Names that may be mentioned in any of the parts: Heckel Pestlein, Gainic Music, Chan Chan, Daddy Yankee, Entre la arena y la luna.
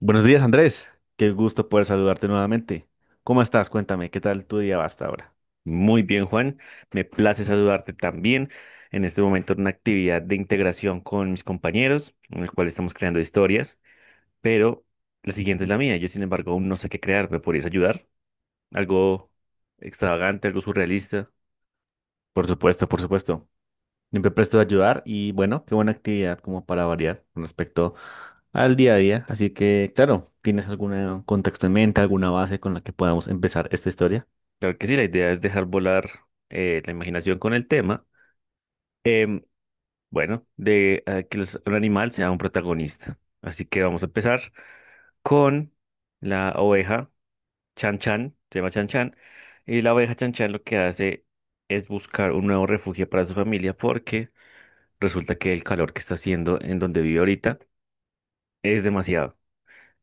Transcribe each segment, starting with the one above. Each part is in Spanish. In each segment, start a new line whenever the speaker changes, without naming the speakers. Buenos días, Andrés. Qué gusto poder saludarte nuevamente. ¿Cómo estás? Cuéntame, ¿qué tal tu día va hasta ahora?
Muy bien, Juan. Me place saludarte también en este momento en una actividad de integración con mis compañeros, en el cual estamos creando historias, pero la siguiente es la mía. Yo, sin embargo, aún no sé qué crear. ¿Me podrías ayudar? Algo extravagante, algo surrealista.
Por supuesto, por supuesto. Siempre presto a ayudar y bueno, qué buena actividad como para variar con respecto al día a día. Así que, claro, ¿tienes algún contexto en mente, alguna base con la que podamos empezar esta historia?
Claro que sí, la idea es dejar volar la imaginación con el tema. Em, bueno, de un animal sea un protagonista. Así que vamos a empezar con la oveja Chan Chan, se llama Chan Chan, y la oveja Chan Chan lo que hace es buscar un nuevo refugio para su familia porque resulta que el calor que está haciendo en donde vive ahorita es demasiado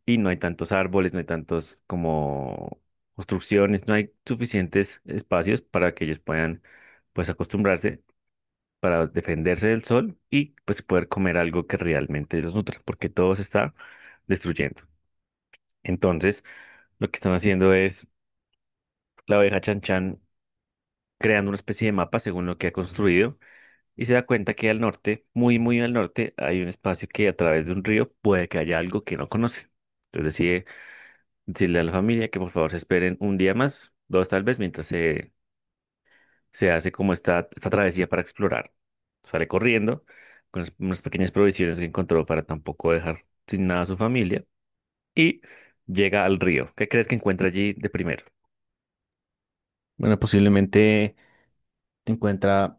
y no hay tantos árboles, no hay tantos como construcciones, no hay suficientes espacios para que ellos puedan pues acostumbrarse para defenderse del sol y pues poder comer algo que realmente los nutra porque todo se está destruyendo. Entonces, lo que están haciendo es la oveja Chan Chan creando una especie de mapa según lo que ha construido y se da cuenta que al norte, muy, muy al norte, hay un espacio que a través de un río puede que haya algo que no conoce. Entonces decide decirle a la familia que por favor se esperen un día más, dos tal vez, mientras se hace como esta travesía para explorar. Sale corriendo con unas pequeñas provisiones que encontró para tampoco dejar sin nada a su familia y llega al río. ¿Qué crees que encuentra allí de primero?
Bueno, posiblemente encuentra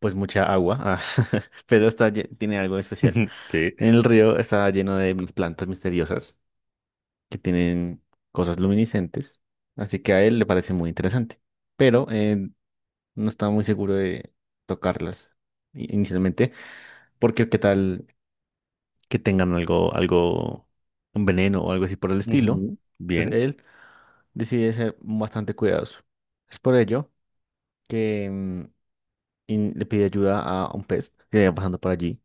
pues mucha agua, ah, pero está, tiene algo especial.
Sí.
El río está lleno de plantas misteriosas que tienen cosas luminiscentes, así que a él le parece muy interesante, pero no estaba muy seguro de tocarlas inicialmente, porque qué tal que tengan algo, algo, un veneno o algo así por el estilo.
Ujú.
Entonces
Bien.
él decide ser bastante cuidadoso. Es por ello que le pide ayuda a un pez que iba pasando por allí,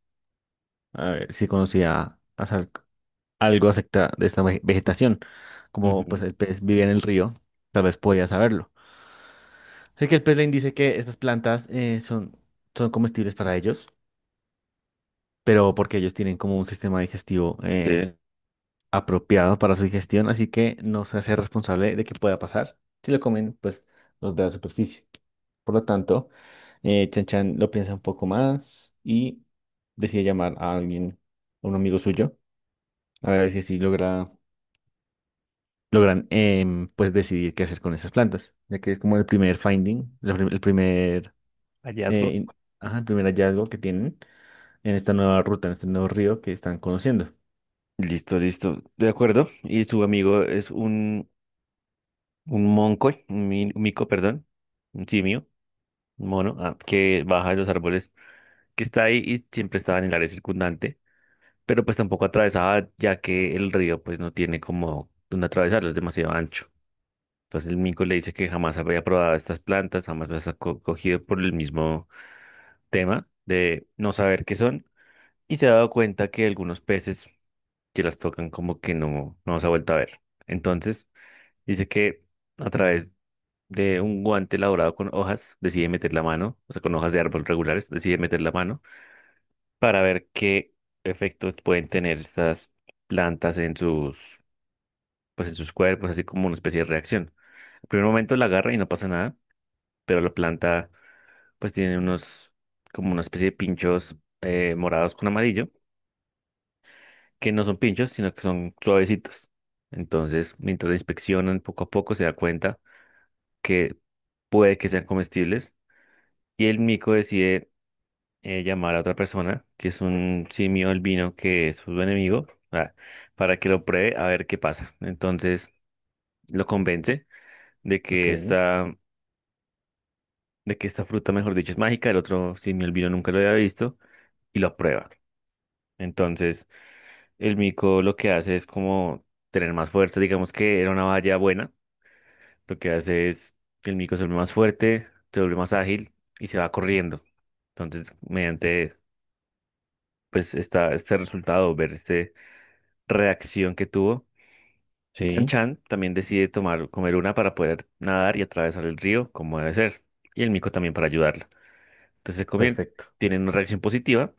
a ver si conocía algo acerca de esta vegetación. Como pues
Ujú.
el pez vivía en el río, tal vez podía saberlo. Heckel Pestlein dice que estas plantas son comestibles para ellos, pero porque ellos tienen como un sistema digestivo
Sí.
apropiado para su digestión, así que no se hace responsable de que pueda pasar. Si lo comen, pues los de la superficie. Por lo tanto, Chan Chan lo piensa un poco más y decide llamar a alguien, a un amigo suyo, a ver si así logran pues decidir qué hacer con esas plantas, ya que es como el primer finding, el el primer
Hallazgo.
ajá, el primer hallazgo que tienen en esta nueva ruta, en este nuevo río que están conociendo.
Listo, listo. De acuerdo. Y su amigo es un monco, un mico, perdón, un simio, un mono, ah, que baja de los árboles, que está ahí y siempre estaba en el área circundante, pero pues tampoco atravesaba, ya que el río pues no tiene como donde atravesarlo, es demasiado ancho. Entonces el mico le dice que jamás había probado estas plantas, jamás las cogido por el mismo tema de no saber qué son, y se ha dado cuenta que algunos peces que las tocan como que no, no se ha vuelto a ver. Entonces dice que a través de un guante elaborado con hojas, decide meter la mano, o sea, con hojas de árbol regulares, decide meter la mano para ver qué efectos pueden tener estas plantas en pues en sus cuerpos, así como una especie de reacción. En primer momento la agarra y no pasa nada, pero la planta pues tiene como una especie de pinchos morados con amarillo, que no son pinchos, sino que son suavecitos. Entonces, mientras la inspeccionan poco a poco, se da cuenta que puede que sean comestibles. Y el mico decide llamar a otra persona, que es un simio albino que es su enemigo, ah, para que lo pruebe a ver qué pasa. Entonces lo convence de
Ok.
que esta fruta, mejor dicho, es mágica. El otro simio albino nunca lo había visto y lo prueba. Entonces el mico lo que hace es como tener más fuerza. Digamos que era una valla buena. Lo que hace es que el mico se vuelve más fuerte, se vuelve más ágil y se va corriendo. Entonces, mediante pues está este resultado, ver esta reacción que tuvo. Yan
Sí,
Chan también decide tomar, comer una para poder nadar y atravesar el río como debe ser, y el mico también para ayudarla. Entonces se comien,
perfecto.
tienen una reacción positiva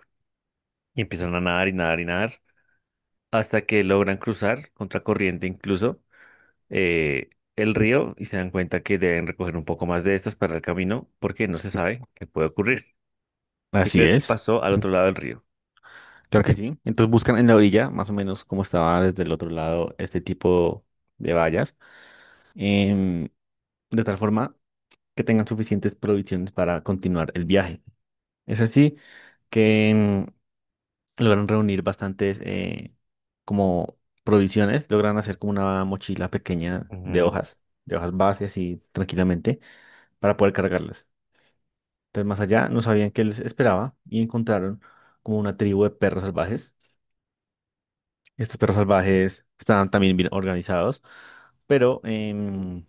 y empiezan a nadar y nadar y nadar hasta que logran cruzar contracorriente incluso eh, el río y se dan cuenta que deben recoger un poco más de estas para el camino porque no se sabe qué puede ocurrir. ¿Qué
Así
crees que
es.
pasó al
En-
otro lado del río?
Claro que sí. Entonces buscan en la orilla, más o menos como estaba desde el otro lado, este tipo de vallas, em, de tal forma que tengan suficientes provisiones para continuar el viaje. Es así que logran reunir bastantes como provisiones, logran hacer como una mochila pequeña
Ujú,
de hojas base, así tranquilamente para poder cargarlas. Entonces, más allá, no sabían qué les esperaba y encontraron como una tribu de perros salvajes. Estos perros salvajes estaban también bien organizados, pero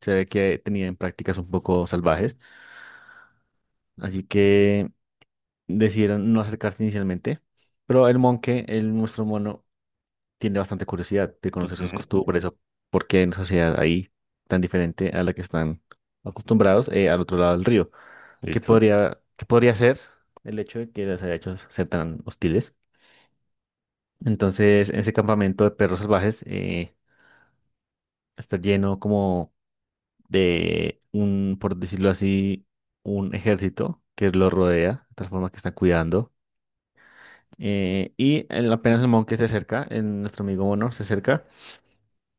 se ve que tenían prácticas un poco salvajes. Así que decidieron no acercarse inicialmente. Pero el monje, el nuestro mono, tiene bastante curiosidad de conocer sus
ujú.
costumbres o por qué en sociedad ahí tan diferente a la que están acostumbrados al otro lado del río. que
¿Listo?
podría, que podría ser el hecho de que las haya hecho ser tan hostiles. Entonces, ese campamento de perros salvajes está lleno como de un, por decirlo así, un ejército que los rodea, de tal forma que está cuidando. Apenas el monje se acerca, nuestro amigo Mono se acerca,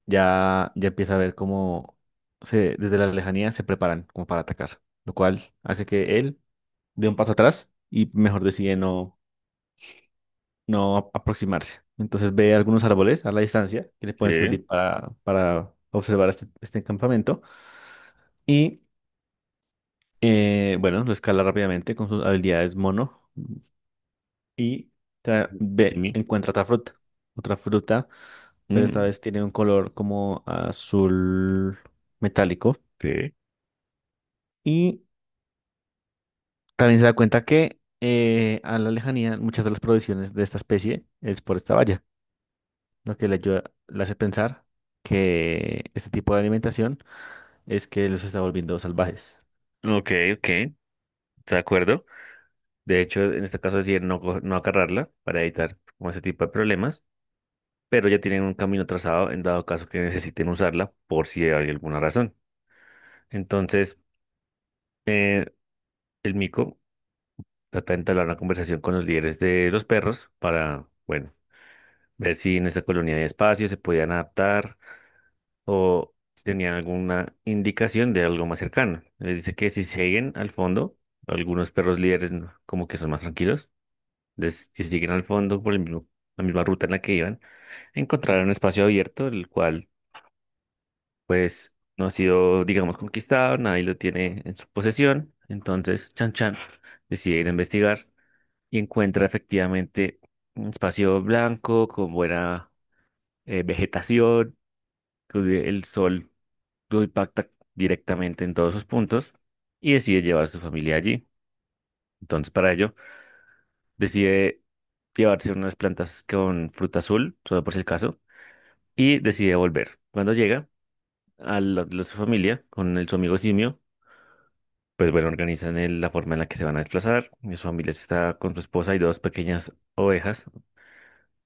ya empieza a ver cómo desde la lejanía se preparan como para atacar, lo cual hace que él dé un paso atrás y mejor decide no. Aproximarse. Entonces ve algunos árboles a la distancia que le pueden
Sí.
servir para observar este, este campamento. Y bueno, lo escala rápidamente con sus habilidades mono y
Jimmy.
encuentra otra fruta. Otra fruta, pero esta vez tiene un color como azul metálico.
Sí.
Y también se da cuenta que a la lejanía muchas de las provisiones de esta especie es por esta valla, lo que le ayuda, le hace pensar que este tipo de alimentación es que los está volviendo salvajes.
Ok, ok, de acuerdo. De hecho, en este caso es no, no agarrarla para evitar como ese tipo de problemas, pero ya tienen un camino trazado en dado caso que necesiten usarla por si hay alguna razón. Entonces, eh, el mico trata de entablar una conversación con los líderes de los perros para, bueno, ver si en esta colonia hay espacio, se podían adaptar o si tenían alguna indicación de algo más cercano. Les dice que si siguen al fondo, algunos perros líderes ¿no?, como que son más tranquilos. Entonces, que si al fondo por la misma ruta en la que iban, encontrarán un espacio abierto, el cual, pues, no ha sido, digamos, conquistado, nadie lo tiene en su posesión. Entonces, Chan Chan decide ir a investigar y encuentra efectivamente un espacio blanco con buena vegetación, que el sol lo impacta directamente en todos sus puntos y decide llevar a su familia allí. Entonces, para ello, decide llevarse unas plantas con fruta azul, solo por si el caso y decide volver. Cuando llega a su familia con su amigo simio, pues bueno, organizan la forma en la que se van a desplazar. Y su familia está con su esposa y dos pequeñas ovejas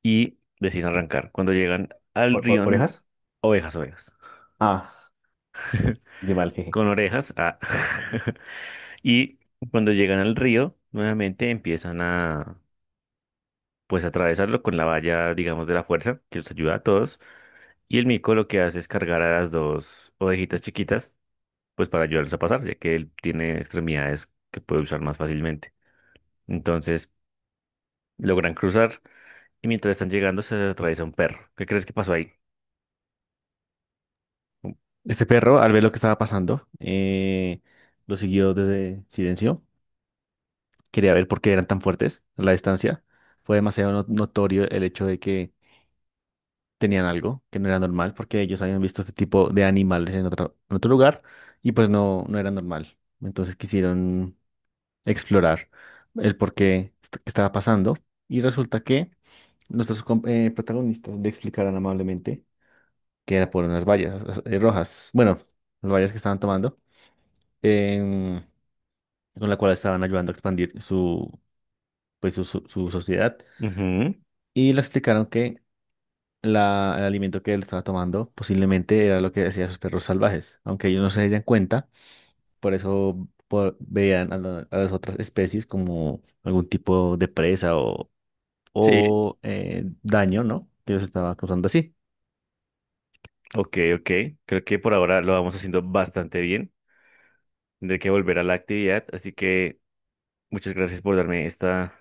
y deciden arrancar. Cuando llegan al rión,
¿Orejas?
ovejas, ovejas,
Ah, de mal, jeje.
con orejas. Ah. Y cuando llegan al río, nuevamente empiezan a... pues atravesarlo con la valla, digamos, de la fuerza, que los ayuda a todos. Y el mico lo que hace es cargar a las dos ovejitas chiquitas pues para ayudarlos a pasar, ya que él tiene extremidades que puede usar más fácilmente. Entonces, logran cruzar y mientras están llegando se atraviesa un perro. ¿Qué crees que pasó ahí?
Este perro, al ver lo que estaba pasando, lo siguió desde silencio. Quería ver por qué eran tan fuertes a la distancia. Fue demasiado notorio el hecho de que tenían algo que no era normal, porque ellos habían visto este tipo de animales en otro lugar y pues no, no era normal. Entonces quisieron explorar el por qué que estaba pasando y resulta que nuestros protagonistas le explicaron amablemente que era por unas vallas rojas, bueno, las vallas que estaban tomando, em, con la cual estaban ayudando a expandir su, pues, su sociedad.
Ujú.
Y le explicaron que el alimento que él estaba tomando posiblemente era lo que decían sus perros salvajes, aunque ellos no se dieran cuenta, por eso veían a, a las otras especies como algún tipo de presa
Sí,
o daño, ¿no? Que los estaba causando así.
ok, ok. Creo que por ahora lo vamos haciendo bastante bien. Tendré que volver a la actividad, así que muchas gracias por darme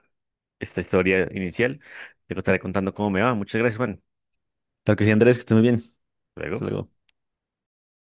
esta historia inicial. Te lo estaré contando cómo me va. Muchas gracias, Juan.
Claro que sí, Andrés, que esté muy bien.
Hasta
Hasta
luego.
luego.